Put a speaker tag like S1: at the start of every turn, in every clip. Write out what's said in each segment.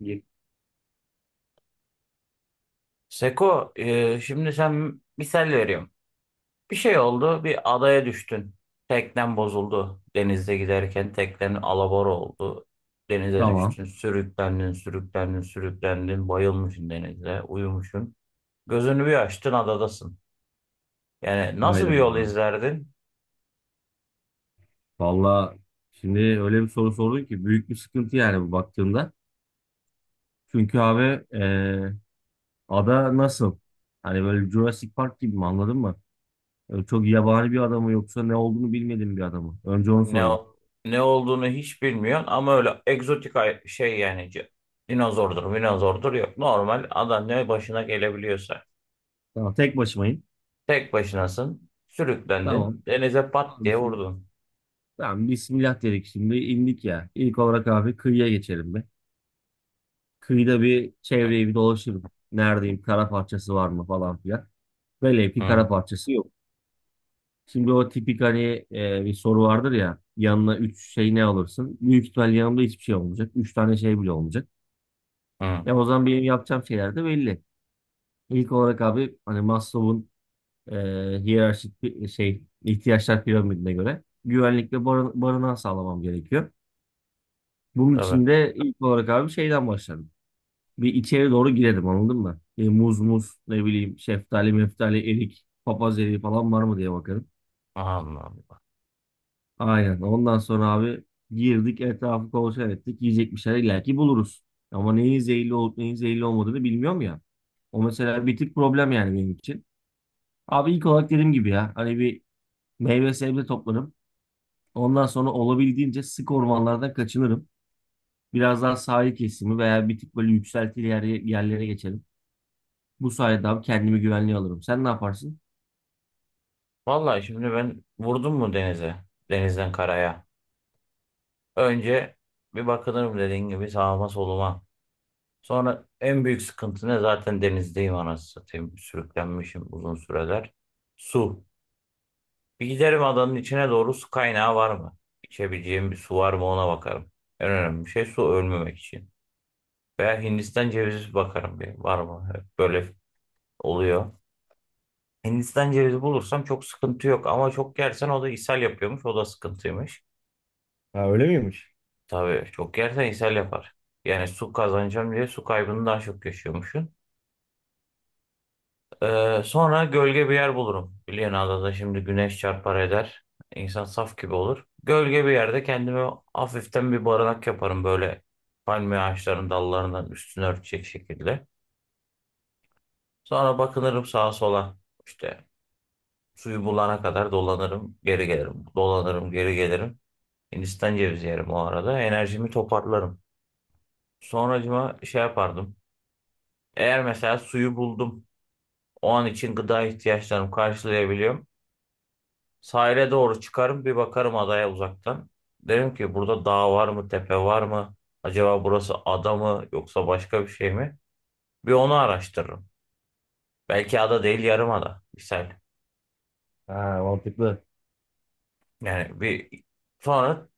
S1: Git.
S2: Seko, şimdi sen misal veriyorum. Bir şey oldu, bir adaya düştün. Teknen bozuldu. Denizde giderken teknen alabora oldu. Denize
S1: Tamam.
S2: düştün, sürüklendin, sürüklendin, sürüklendin. Bayılmışsın denizde, uyumuşsun. Gözünü bir açtın, adadasın. Yani nasıl
S1: Hayda.
S2: bir yol izlerdin?
S1: Valla şimdi öyle bir soru sordun ki büyük bir sıkıntı yani bu baktığında. Çünkü abi e, ada nasıl? Hani böyle Jurassic Park gibi mi anladın mı? Öyle çok yabani bir adamı yoksa ne olduğunu bilmediğim bir adamı. Önce onu
S2: Ne
S1: sorayım.
S2: ne olduğunu hiç bilmiyorsun ama öyle egzotik dinozordur, minozordur yok. Normal adam ne başına gelebiliyorsa.
S1: Tamam tek başımayım.
S2: Tek başınasın. Sürüklendin.
S1: Tamam.
S2: Denize pat
S1: Abi
S2: diye
S1: şimdi
S2: vurdun.
S1: tamam Bismillah dedik şimdi indik ya. İlk olarak abi kıyıya geçelim be. Kıyıda bir çevreyi bir dolaşırım. Neredeyim? Kara parçası var mı falan filan. Velev ki
S2: Hı
S1: kara parçası yok. Şimdi o tipik hani bir soru vardır ya yanına 3 şey ne alırsın? Büyük ihtimal yanımda hiçbir şey olmayacak. Üç tane şey bile olmayacak.
S2: hı.
S1: Ya o zaman benim yapacağım şeyler de belli. İlk olarak abi hani Maslow'un e, hiyerarşik bir şey ihtiyaçlar piramidine göre güvenlikle barınağı sağlamam gerekiyor. Bunun
S2: Tabii.
S1: için de ilk olarak abi şeyden başladım. Bir içeri doğru girelim anladın mı? E, muz ne bileyim şeftali meftali erik papaz eriği falan var mı diye bakarım.
S2: Allah Allah.
S1: Aynen. Ondan sonra abi girdik etrafı kontrol ettik. Yiyecek bir şeyler illaki buluruz. Ama neyin zehirli olup neyin zehirli olmadığını bilmiyorum ya. O mesela bir tık problem yani benim için. Abi ilk olarak dediğim gibi ya hani bir meyve sebze toplarım. Ondan sonra olabildiğince sık ormanlardan kaçınırım. Biraz daha sahil kesimi veya bir tık böyle yükseltili yerlere geçerim. Bu sayede abi kendimi güvenliğe alırım. Sen ne yaparsın?
S2: Vallahi şimdi ben vurdum mu denize? Denizden karaya. Önce bir bakılırım dediğin gibi sağıma soluma. Sonra en büyük sıkıntı ne? Zaten denizdeyim anasını satayım. Sürüklenmişim uzun süreler. Su. Bir giderim adanın içine doğru, su kaynağı var mı? İçebileceğim bir su var mı, ona bakarım. En önemli şey su, ölmemek için. Veya Hindistan cevizi bakarım bir. Var mı? Böyle oluyor. Hindistan cevizi bulursam çok sıkıntı yok, ama çok yersen o da ishal yapıyormuş. O da sıkıntıymış.
S1: Ha öyle miymiş?
S2: Tabii çok yersen ishal yapar. Yani su kazanacağım diye su kaybını daha çok yaşıyormuşsun. Sonra gölge bir yer bulurum. Biliyorsun adada şimdi güneş çarpar eder. İnsan saf gibi olur. Gölge bir yerde kendime hafiften bir barınak yaparım, böyle palmiye ağaçlarının dallarından üstünü örtecek şekilde. Sonra bakınırım sağa sola. İşte suyu bulana kadar dolanırım, geri gelirim. Dolanırım, geri gelirim. Hindistan cevizi yerim o arada. Enerjimi toparlarım. Sonracıma şey yapardım. Eğer mesela suyu buldum. O an için gıda ihtiyaçlarımı karşılayabiliyorum. Sahile doğru çıkarım, bir bakarım adaya uzaktan. Derim ki, burada dağ var mı, tepe var mı? Acaba burası ada mı, yoksa başka bir şey mi? Bir onu araştırırım. Belki ada değil, yarım ada. Misal.
S1: Ha, mantıklı.
S2: Yani bir sonra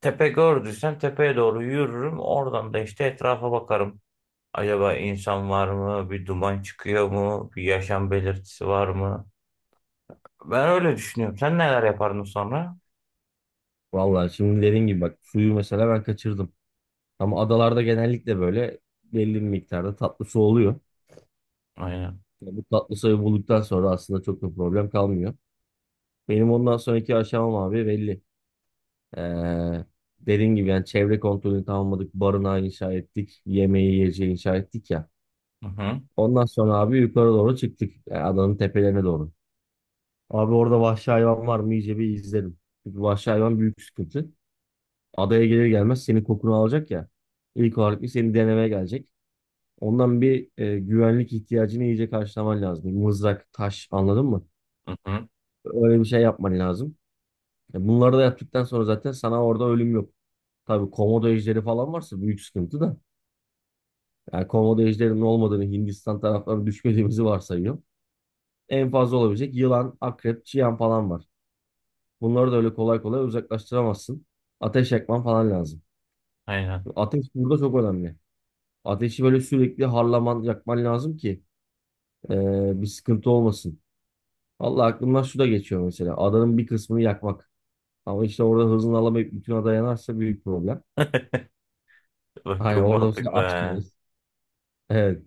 S2: tepe gördüysem tepeye doğru yürürüm. Oradan da işte etrafa bakarım. Acaba insan var mı? Bir duman çıkıyor mu? Bir yaşam belirtisi var mı? Ben öyle düşünüyorum. Sen neler yapardın sonra?
S1: Vallahi şimdi dediğin gibi bak suyu mesela ben kaçırdım. Ama adalarda genellikle böyle belli bir miktarda tatlı su oluyor.
S2: Aynen.
S1: Yani bu tatlı suyu bulduktan sonra aslında çok da problem kalmıyor. Benim ondan sonraki aşamam abi belli. Ee, Dediğim gibi yani çevre kontrolünü tamamladık. Barınağı inşa ettik. Yemeği yiyeceği inşa ettik ya.
S2: Hı hı.
S1: Ondan sonra abi yukarı doğru çıktık. Yani adanın tepelerine doğru. Abi orada vahşi hayvan var mı iyice bir izledim. Çünkü vahşi hayvan büyük sıkıntı. Adaya gelir gelmez senin kokunu alacak ya. İlk olarak bir seni denemeye gelecek. Ondan bir güvenlik ihtiyacını iyice karşılaman lazım. Mızrak, taş anladın mı?
S2: Hı hı.
S1: Öyle bir şey yapman lazım. E, bunları da yaptıktan sonra zaten sana orada ölüm yok. Tabii komodo ejderi falan varsa büyük sıkıntı da. Yani komodo ejderinin olmadığını Hindistan taraflarına düşmediğimizi varsayıyor. En fazla olabilecek yılan, akrep, çiyan falan var. Bunları da öyle kolay kolay uzaklaştıramazsın. Ateş yakman falan lazım.
S2: Aynen.
S1: Ateş burada çok önemli. Ateşi böyle sürekli harlaman, yakman lazım ki bir sıkıntı olmasın. Vallahi aklımdan şu da geçiyor mesela. Adanın bir kısmını yakmak. Ama işte orada hızını alamayıp bütün ada yanarsa büyük problem.
S2: Bak,
S1: Hani
S2: çok
S1: orada mesela
S2: mantıklı.
S1: aç
S2: He.
S1: kalırız. Evet.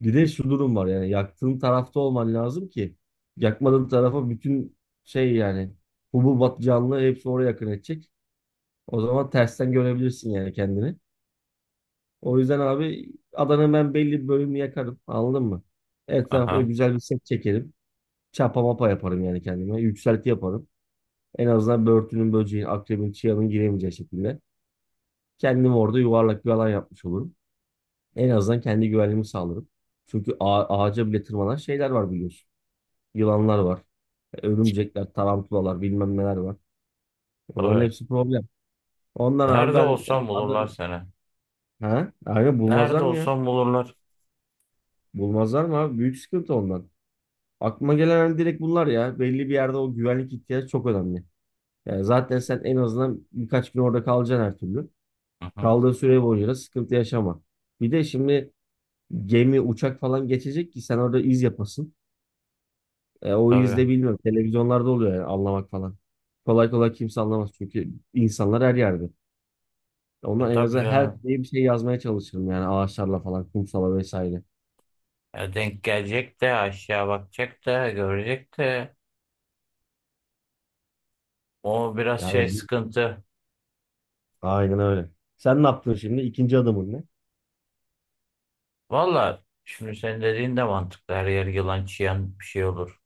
S1: Bir de şu durum var yani yaktığın tarafta olman lazım ki yakmadığın tarafa bütün şey yani hububat canlı hepsi oraya yakın edecek. O zaman tersten görebilirsin yani kendini. O yüzden abi adanın ben belli bir bölümünü yakarım anladın mı? Etrafına
S2: Aha.
S1: güzel bir set çekerim. Çapa mapa yaparım yani kendime. Yükselti yaparım. En azından börtünün, böceğin, akrebin, çıyanın giremeyeceği şekilde. Kendim orada yuvarlak bir alan yapmış olurum. En azından kendi güvenliğimi sağlarım. Çünkü ağaca bile tırmanan şeyler var biliyorsun. Yılanlar var, örümcekler, tarantulalar, bilmem neler var. Onların
S2: Tabii.
S1: hepsi problem. Ondan abi
S2: Nerede
S1: ben yani
S2: olsam bulurlar
S1: Adana...
S2: seni.
S1: Ha? Aynen
S2: Nerede
S1: bulmazlar mı ya?
S2: olsam bulurlar.
S1: Bulmazlar mı abi? Büyük sıkıntı ondan. Aklıma gelen hani direkt bunlar ya. Belli bir yerde o güvenlik ihtiyacı çok önemli. Yani zaten sen en azından birkaç gün orada kalacaksın her türlü.
S2: Hı hı.
S1: Kaldığı süre boyunca da sıkıntı yaşama. Bir de şimdi gemi, uçak falan geçecek ki sen orada iz yapasın. E, o iz
S2: Tabii.
S1: de bilmiyorum. Televizyonlarda oluyor yani anlamak falan. Kolay kolay kimse anlamaz çünkü insanlar her yerde.
S2: E
S1: Onlar en
S2: tabii
S1: azından her
S2: canım.
S1: diye bir şey yazmaya çalışırım yani ağaçlarla falan, kumsala vesaire.
S2: Denk gelecek de aşağı bakacak da görecek de. O biraz
S1: Yani
S2: şey sıkıntı.
S1: aynen öyle. Sen ne yaptın şimdi? İkinci adımın ne?
S2: Valla şimdi senin dediğin de mantıklı. Her yer yılan çiyan bir şey olur.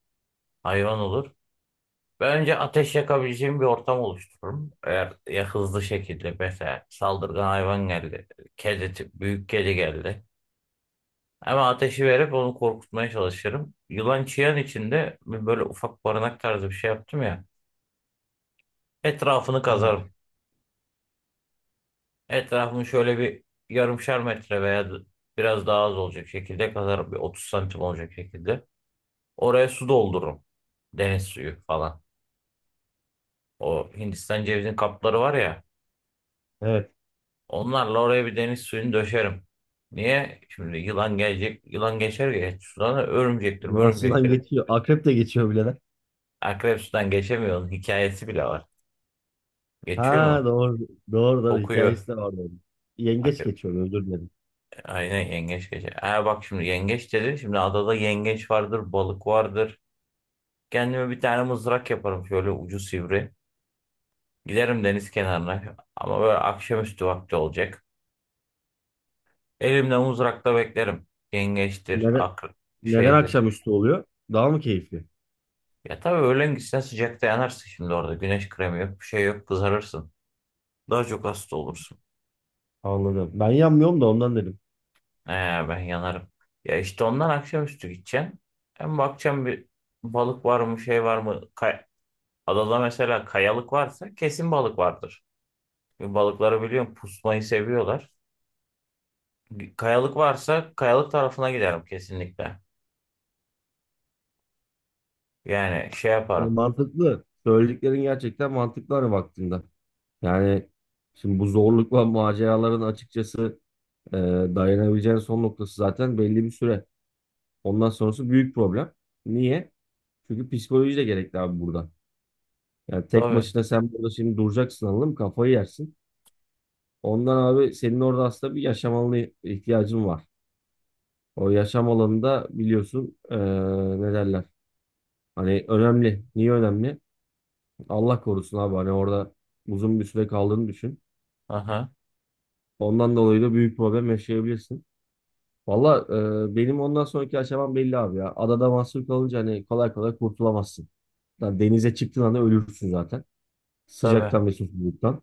S2: Hayvan olur. Ben önce ateş yakabileceğim bir ortam oluştururum. Eğer ya hızlı şekilde mesela saldırgan hayvan geldi. Kedi, büyük kedi geldi. Ama ateşi verip onu korkutmaya çalışırım. Yılan çiyan içinde bir böyle ufak barınak tarzı bir şey yaptım ya. Etrafını
S1: Ha,
S2: kazarım. Etrafını şöyle bir yarımşar metre veya biraz daha az olacak şekilde kazarım. Bir 30 santim olacak şekilde. Oraya su doldururum. Deniz suyu falan. O Hindistan cevizin kapları var ya.
S1: evet.
S2: Onlarla oraya bir deniz suyunu döşerim. Niye? Şimdi yılan gelecek, yılan geçer geç sudan, örümcektir,
S1: Yılan sudan
S2: örümcektir.
S1: geçiyor. Akrep de geçiyor bile lan.
S2: Akrep sudan geçemiyor. Onun hikayesi bile var. Geçiyor
S1: Ha
S2: mu?
S1: doğru. Doğru doğru.
S2: Kokuyor.
S1: Hikayesi de var. Doğru. Yengeç
S2: Akrep.
S1: geçiyor özür dilerim.
S2: Aynen yengeç geçer. Ha bak, şimdi yengeç dedi. Şimdi adada yengeç vardır, balık vardır. Kendime bir tane mızrak yaparım şöyle ucu sivri. Giderim deniz kenarına. Ama böyle akşamüstü vakti olacak. Elimde mızrakla beklerim. Yengeçtir,
S1: Neden,
S2: akrep
S1: neden
S2: şeydir.
S1: akşamüstü oluyor? Daha mı keyifli?
S2: Ya tabii öğlen gitsen sıcakta yanarsın şimdi orada. Güneş kremi yok, bir şey yok, kızarırsın. Daha çok hasta olursun.
S1: Anladım. Ben yanmıyorum da ondan dedim.
S2: Ee, Ben yanarım. Ya işte ondan akşamüstü gideceksin. Hem bakacağım bir balık var mı, şey var mı? Adada mesela kayalık varsa kesin balık vardır. Çünkü balıkları biliyorum, pusmayı seviyorlar. Kayalık varsa kayalık tarafına giderim kesinlikle. Yani şey
S1: Ya
S2: yaparım.
S1: mantıklı. Söylediklerin gerçekten mantıklı hani baktığında. Yani şimdi bu zorlukla maceraların açıkçası e, dayanabileceğin son noktası zaten belli bir süre. Ondan sonrası büyük problem. Niye? Çünkü psikoloji de gerekli abi burada. Yani tek
S2: Tabii.
S1: başına sen burada şimdi duracaksın anladın mı? Kafayı yersin. Ondan abi senin orada aslında bir yaşam alanı ihtiyacın var. O yaşam alanında biliyorsun ne derler? Hani önemli. Niye önemli? Allah korusun abi. Hani orada uzun bir süre kaldığını düşün.
S2: Aha,
S1: Ondan dolayı da büyük problem yaşayabilirsin. Valla benim ondan sonraki aşamam belli abi ya. Adada mahsur kalınca hani kolay kolay kurtulamazsın. Yani denize çıktığın anda ölürsün zaten.
S2: tabii.
S1: Sıcaktan ve susuzluktan.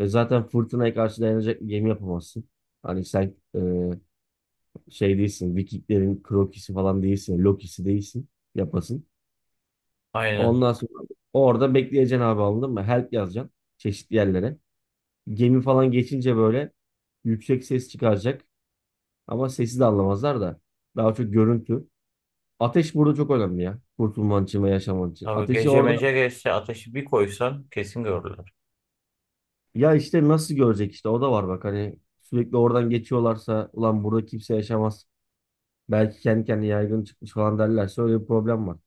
S1: Ve zaten fırtınaya karşı dayanacak bir gemi yapamazsın. Hani sen şey değilsin. Vikinglerin Kroki'si falan değilsin. Loki'si değilsin. Yapasın.
S2: Aynen.
S1: Ondan sonra orada bekleyeceksin abi anladın mı? Help yazacaksın çeşitli yerlere. Gemi falan geçince böyle yüksek ses çıkaracak. Ama sesi de anlamazlar da. Daha çok görüntü. Ateş burada çok önemli ya. Kurtulman için ve yaşaman için.
S2: Tabii
S1: Ateşi
S2: gece
S1: orada
S2: mece geçse ateşi bir koysan kesin görürler.
S1: ya işte nasıl görecek işte o da var bak hani sürekli oradan geçiyorlarsa ulan burada kimse yaşamaz. Belki kendi kendine yaygın çıkmış falan derlerse öyle bir problem var.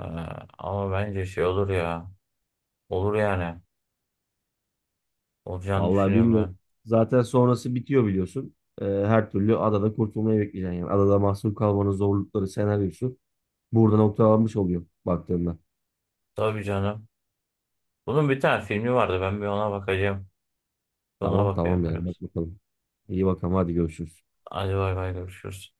S2: Ee, Ama bence şey olur ya. Olur yani. Olacağını
S1: Vallahi
S2: düşünüyorum
S1: bilmiyorum.
S2: ben.
S1: Zaten sonrası bitiyor biliyorsun. Her türlü adada kurtulmayı bekleyeceksin yani. Adada mahsur kalmanın zorlukları senaryosu burada noktalanmış oluyor baktığında.
S2: Tabii canım. Bunun bir tane filmi vardı. Ben bir ona bakacağım. Ona
S1: Tamam
S2: bakıyorum
S1: tamam yani bak
S2: biraz.
S1: bakalım. İyi bakalım hadi görüşürüz.
S2: Hadi bay bay, görüşürüz.